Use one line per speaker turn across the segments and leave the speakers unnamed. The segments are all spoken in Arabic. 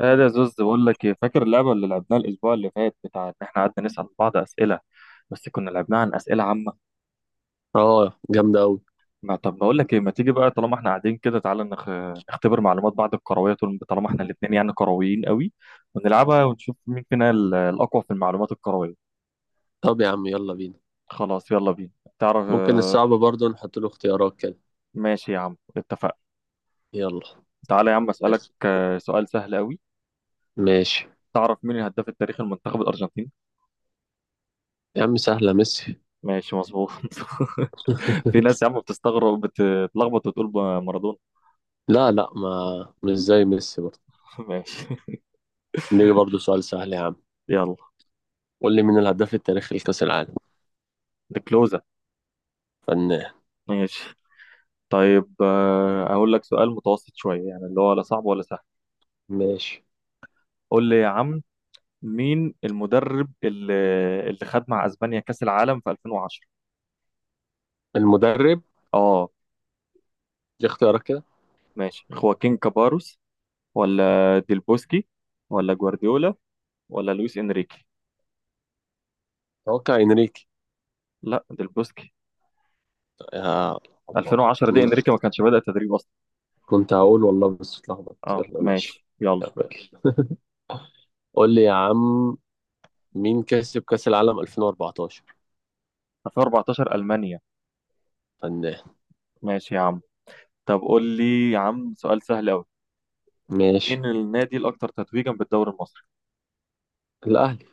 قال يا زوز، بقول لك ايه؟ فاكر اللعبه اللي لعبناها الاسبوع اللي فات بتاع ان احنا قعدنا نسال بعض اسئله؟ بس كنا لعبناها عن اسئله عامه.
اه جامدة أوي.
ما طب بقول لك ايه، ما تيجي بقى طالما احنا قاعدين كده، تعالى نختبر معلومات بعض الكرويه، طول طالما احنا الاثنين يعني كرويين قوي، ونلعبها ونشوف مين فينا الاقوى في المعلومات الكرويه.
طب يا عم يلا بينا.
خلاص يلا بينا. تعرف.
ممكن الصعب برضه نحط له اختيارات كده.
ماشي يا عم، اتفقنا.
يلا
تعالى يا عم اسالك سؤال سهل قوي.
ماشي.
تعرف مين الهداف التاريخي لمنتخب الارجنتين؟
يا عم سهلة، ميسي.
ماشي، مظبوط. في ناس يا عم بتستغرب بتتلخبط وتقول مارادونا.
لا لا، ما مش زي ميسي برضه.
ماشي.
نيجي برضه سؤال سهل يا عم،
يلا.
قول لي مين الهداف التاريخي لكأس العالم.
الكلوزة.
فنان.
ماشي. طيب أقول لك سؤال متوسط شوية، يعني اللي هو لا صعب ولا سهل.
ماشي.
قول لي يا عم. مين المدرب اللي خد مع أسبانيا كأس العالم في 2010؟
المدرب.
اه،
دي اختيارات كده.
ماشي. خواكين كاباروس ولا ديل بوسكي ولا جوارديولا ولا لويس إنريكي؟
اتوقع انريكي.
لا، ديل بوسكي.
يا الله
2010 دي
الله.
إنريكي ما كانش بدأ تدريب أصلا.
كنت هقول والله بس اتلخبطت.
اه،
يلا ماشي.
ماشي، يلا.
تمام. قول لي يا عم، مين كسب كأس العالم 2014؟
2014 ألمانيا.
فنان.
ماشي يا عم. طب قول لي يا عم سؤال سهل أوي.
ماشي.
مين النادي الأكثر تتويجا بالدوري المصري؟
الأهلي.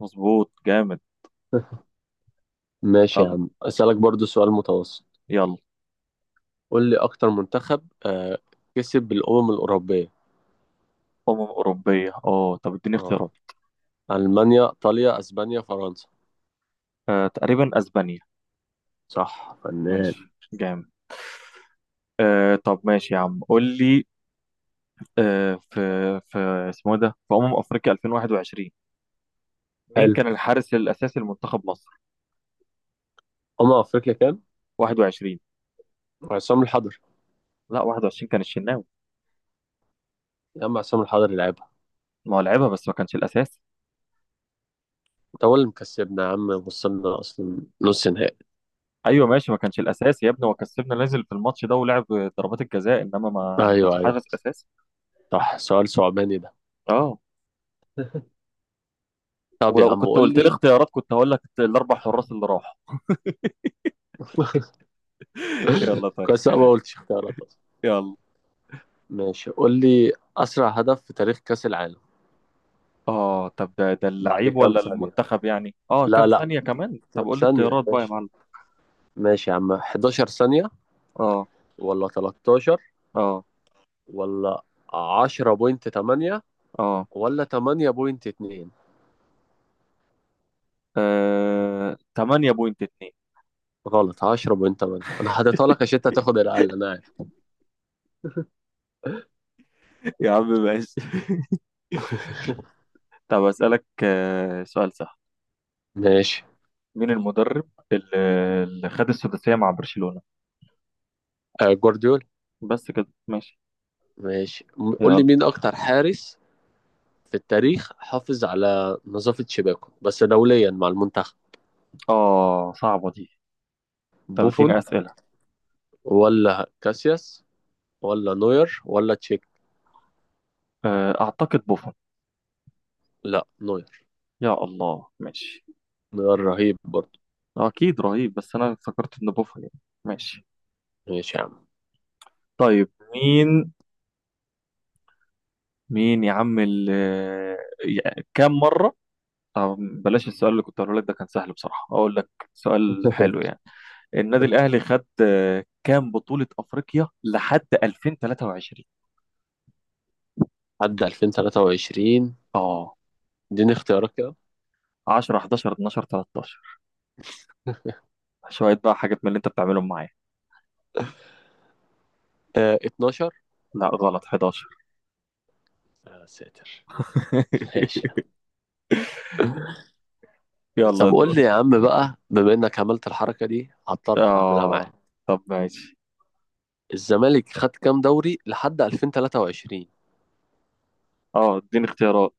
مظبوط، جامد.
ماشي يا
يلا.
عم أسألك برضو سؤال متوسط.
يلا.
قول لي أكتر منتخب كسب بالأمم الأوروبية.
أمم أوروبية. اه طب اديني
اه،
اختيارات.
ألمانيا، إيطاليا، أسبانيا، فرنسا.
تقريبا أسبانيا.
صح فنان.
ماشي، جامد. طب ماشي يا عم، قول لي. آه في في اسمه إيه ده، في أمم أفريقيا 2021. مين
حلو.
كان الحارس الأساسي لمنتخب مصر؟
أمم أفريقيا كام؟
21.
عصام الحضري.
لا، 21 كان الشناوي.
يا عم عصام الحضري لعبها.
ما هو لعبها، بس ما كانش الأساسي.
أنت هو اللي مكسبنا يا عم، وصلنا أصلا نص نهائي.
أيوه ماشي. ما كانش الأساسي يا ابني، هو كسبنا نازل في الماتش ده ولعب ضربات الجزاء، إنما ما
أيوه
كانش
أيوه.
حارس أساسي.
صح، سؤال صعباني ده.
اه.
طب يا
ولو
عم
كنت
قول
قلت لي
لي.
اختيارات كنت هقول لك الأربع حراس اللي راحوا. يلا، طيب.
كويس أنا ما قلتش اختيارات أصلا.
يلا.
ماشي، قول لي أسرع هدف في تاريخ كأس العالم.
اه، طب ده
بعد
اللعيب
كام
ولا
ثانية.
المنتخب؟ يعني كام
لا لا،
ثانية كمان؟ طب
كام
قول لي
ثانية يا
اختيارات بقى يا
باشا؟
معلم.
ماشي يا عم، 11 ثانية،
اه.
ولا 13،
اه.
ولا 10.8،
اه.
ولا 8.2.
8.2.
غلط، 10.8. انا حاططها لك عشان انت هتاخد الاقل، انا عارف.
يا عم ماشي. طب أسألك سؤال سهل.
ماشي.
مين المدرب اللي خد السداسية مع برشلونة؟
آه جوارديولا.
بس كده، ماشي.
ماشي قول لي
يلا.
مين اكتر حارس في التاريخ حافظ على نظافة شباكه، بس دوليا مع المنتخب.
اه، صعبة دي. طب
بوفون،
اديني أسئلة.
ولا كاسياس، ولا نوير، ولا تشيك.
أعتقد بوفون.
لا، نوير.
يا الله، ماشي.
نوير رهيب برضه.
أكيد رهيب، بس أنا افتكرت إن بوفون يعني. ماشي.
ماشي يا عم.
طيب، مين يا عم، يعني كام مرة. طب بلاش. السؤال اللي كنت هقوله لك ده كان سهل بصراحة، أقول لك سؤال حلو يعني. النادي الأهلي خد كام بطولة أفريقيا لحد 2023؟
عدى 2023.
اه.
اديني اختيارات كده.
10، 11، 12، 13؟
آه
شوية بقى حاجات من اللي أنت بتعملهم معايا.
12.
لا، غلط، 11.
يا ساتر. ماشي.
يلا
طب
يا
قول
دور.
لي يا عم بقى، بما انك عملت الحركه دي هضطر اعملها
اه،
معاك.
طب ماشي.
الزمالك خد كام دوري لحد 2023؟
اه، اديني اختيارات.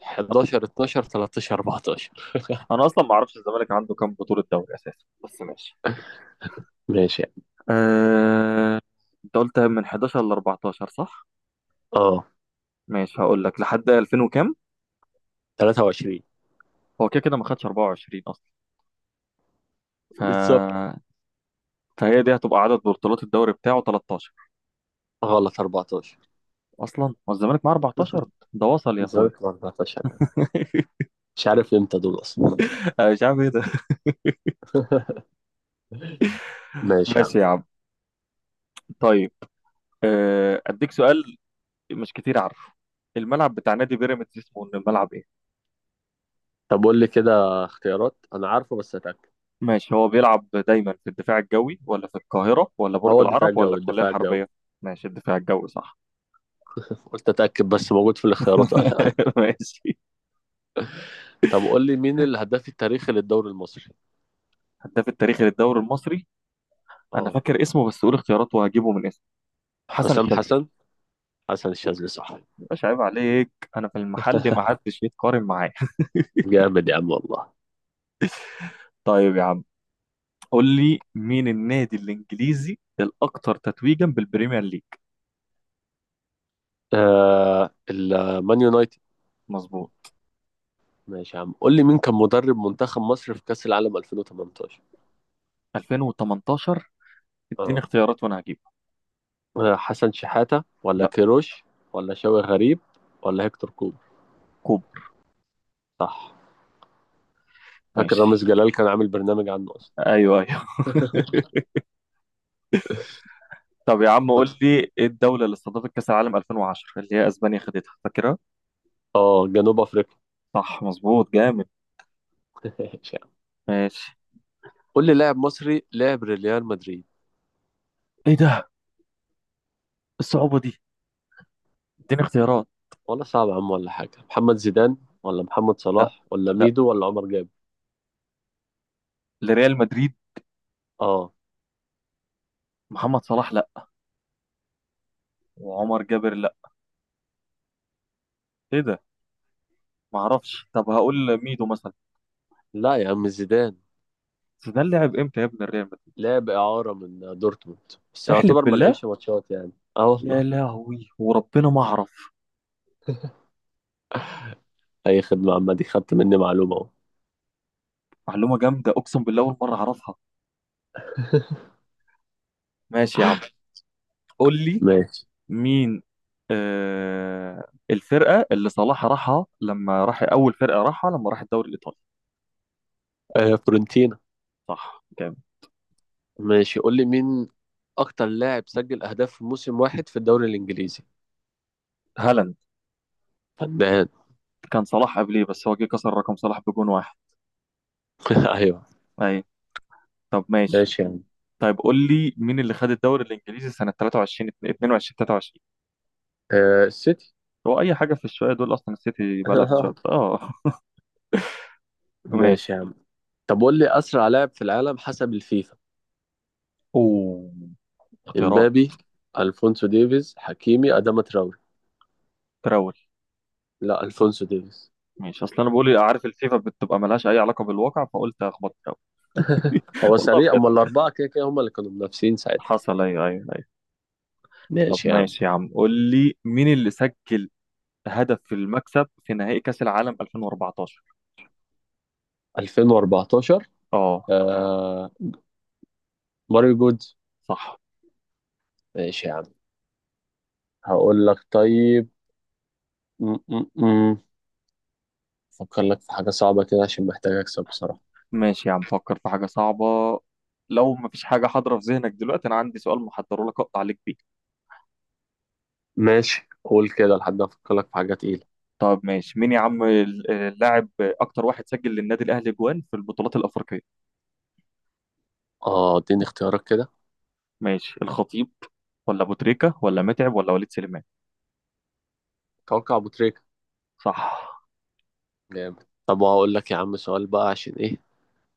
11، 12، 13، 14.
أنا أصلا ما أعرفش الزمالك عنده كام بطولة دوري أساسا، بس ماشي.
ماشي يعني.
آه... انت قلت من 11 ل 14، صح؟
اه،
ماشي، هقول لك لحد 2000 وكام؟
23.
هو كده كده ما خدش 24 اصلا. ف...
بالظبط.
فهي دي هتبقى عدد بطولات الدوري بتاعه 13.
غلط، 14.
اصلا هو الزمالك معاه 14؟ ده وصل يا اخويا!
الزمالك 14 يعني. مش عارف امتى دول اصلا.
أنا مش عارف ايه ده.
ماشي يا عم.
ماشي يا عم. طيب، اديك سؤال مش كتير عارفه. الملعب بتاع نادي بيراميدز اسمه الملعب ايه؟
طب قول لي كده اختيارات، انا عارفه بس اتاكد.
ماشي. هو بيلعب دايما في الدفاع الجوي ولا في القاهرة ولا برج
هو الدفاع
العرب ولا
الجوي
الكلية
الدفاع الجوي.
الحربية؟ ماشي، الدفاع الجوي، صح.
قلت اتاكد بس موجود في الاختيارات ولا.
ماشي.
طب قول لي مين الهداف التاريخي للدوري المصري.
هداف التاريخي للدوري المصري؟ انا
اه،
فاكر اسمه، بس قول اختياراته وهجيبه من اسمه. حسن
حسام
الشاذلي.
حسن. حسن الشاذلي صح.
مش عيب عليك؟ انا في المحل ما حدش يتقارن معايا.
جامد يا عم والله.
طيب يا عم، قول لي مين النادي الانجليزي الاكثر تتويجا بالبريمير ليج؟
آه المان يونايتد.
مظبوط.
ماشي يا عم، قول لي مين كان مدرب منتخب مصر في كأس العالم 2018؟
2018. اديني
اه.
اختيارات وانا هجيبها.
آه حسن شحاتة، ولا
لا.
كيروش، ولا شوقي غريب، ولا هيكتور كوبر.
كوبر.
صح. فاكر رامز
ماشي.
جلال كان عامل برنامج عنه اصلا.
ايوه، ايوه. طب يا عم قول لي ايه الدوله اللي استضافت كاس العالم 2010، اللي هي اسبانيا خدتها فاكرها؟
اه جنوب افريقيا.
صح، مظبوط، جامد.
ماشي يا عم.
ماشي.
قول لي لاعب مصري لعب ريال مدريد.
ايه ده، الصعوبه دي! اديني اختيارات.
ولا صعب يا عم ولا حاجة، محمد زيدان، ولا محمد صلاح، ولا
لا،
ميدو، ولا عمر جاب.
لريال مدريد.
اه.
محمد صلاح لا، وعمر جابر لا. ايه ده، ما اعرفش. طب هقول ميدو مثلا.
لا يا عم زيدان.
بس ده لعب امتى يا ابن الريال مدريد؟
لعب إعارة من دورتموند، بس
احلف
يعتبر ما
بالله!
لعبش ماتشات يعني. اه والله.
يا لهوي، وربنا ما اعرف.
أي خدمة، عامة دي خدت مني معلومة أهو.
معلومه جامده، اقسم بالله اول مره اعرفها. ماشي يا عم، قول لي
ماشي.
مين الفرقه اللي صلاح راحها لما راح، اول فرقه راحها لما راح الدوري الايطالي؟
آه فورنتينا.
صح، جامد.
ماشي قول لي مين أكتر لاعب سجل أهداف في موسم واحد في الدوري الإنجليزي.
هالاند.
فنان.
كان صلاح قبليه، بس هو جه كسر رقم صلاح بجون واحد.
أيوه.
ايوه. طب ماشي.
ماشي يا عم.
طيب قول لي مين اللي خد الدوري الانجليزي سنه 23، 22 23؟
آه السيتي.
هو اي حاجه في الشويه دول اصلا، السيتي بقى لها في الشويه، اه.
ماشي
ماشي.
يا عم. طب قول لي أسرع لاعب في العالم حسب الفيفا.
اوه، اختيارات.
امبابي، الفونسو ديفيز، حكيمي، اداما تراوري.
تراول.
لا، الفونسو ديفيز.
ماشي، اصل انا بقول عارف الفيفا بتبقى ملهاش اي علاقه بالواقع، فقلت اخبط تراول.
هو
والله
سريع،
بجد.
اما الاربعه كده كده هم اللي كانوا منافسين ساعتها.
حصل. ايوه، ايوه، ايوه. طب
ماشي يا عم.
ماشي يا عم، قول لي مين اللي سجل هدف في المكسب في نهائي كاس العالم 2014؟
2014.
اه.
آه ماريو جودز.
صح.
ماشي يا عم. هقول لك طيب. م -م -م. افكر لك في حاجه صعبه كده عشان محتاج اكسب بصراحه.
ماشي يا عم، فكر في حاجة صعبة. لو مفيش حاجة حاضرة في ذهنك دلوقتي، أنا عندي سؤال محضره لك أقطع عليك بيه.
ماشي، قول كده لحد ما افكر لك في حاجه تقيله.
طب ماشي، مين يا عم اللاعب أكتر واحد سجل للنادي الأهلي جوان في البطولات الأفريقية؟
اه، اديني اختيارات كده.
ماشي، الخطيب ولا أبو تريكة ولا متعب ولا وليد سليمان؟
توقع ابو تريكه.
صح.
جامد. طب هقول لك يا عم سؤال بقى عشان ايه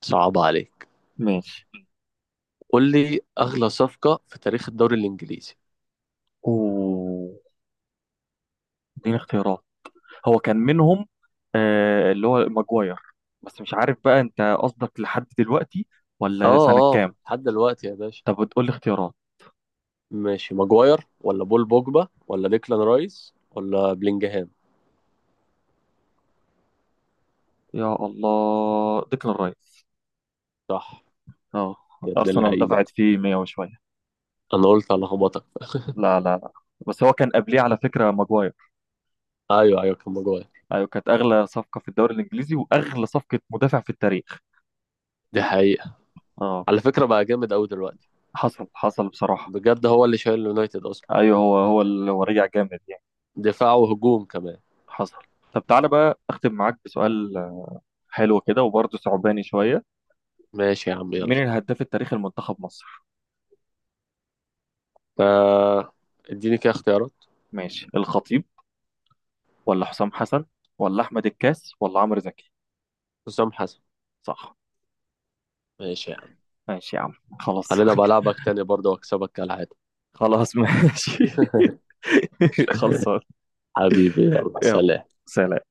صعب عليك.
ماشي.
قول لي اغلى صفقه في تاريخ الدوري الانجليزي.
أوه، اديني اختيارات. هو كان منهم، اللي هو ماجواير، بس مش عارف بقى أنت قصدك لحد دلوقتي ولا
اه
سنة كام.
اه لحد دلوقتي يا باشا.
طب بتقول لي اختيارات.
ماشي، ماجواير، ولا بول بوجبا، ولا ديكلان رايس، ولا بلينجهام.
يا الله، ديكلان رايس.
صح.
اه.
يا ابن
ارسنال
اللعيبه.
دفعت فيه 100 وشويه.
انا قلت هلخبطك.
لا، لا، لا. بس هو كان قبليه على فكره ماجواير.
ايوه ايوه كان ماجواير.
ايوه، كانت اغلى صفقه في الدوري الانجليزي واغلى صفقه مدافع في التاريخ.
دي حقيقه.
اه.
على فكره بقى جامد قوي دلوقتي.
حصل حصل، بصراحه.
بجد، هو اللي شايل اليونايتد اصلا.
ايوه، هو هو اللي هو رجع جامد يعني.
دفاع وهجوم كمان.
حصل. طب تعالى بقى اختم معاك بسؤال حلو كده وبرضه صعباني شويه.
ماشي يا عم.
مين
يلا.
الهداف التاريخي لمنتخب مصر؟
آه، اديني كده اختيارات.
ماشي، الخطيب ولا حسام حسن ولا احمد الكاس ولا عمرو زكي؟
حسام حسن.
صح.
ماشي يا عم.
ماشي يا عم. خلاص.
خلينا بلعبك تاني برضه واكسبك كالعاده.
خلاص ماشي. خلصان.
حبيبي يلا
يلا.
سلام.
سلام.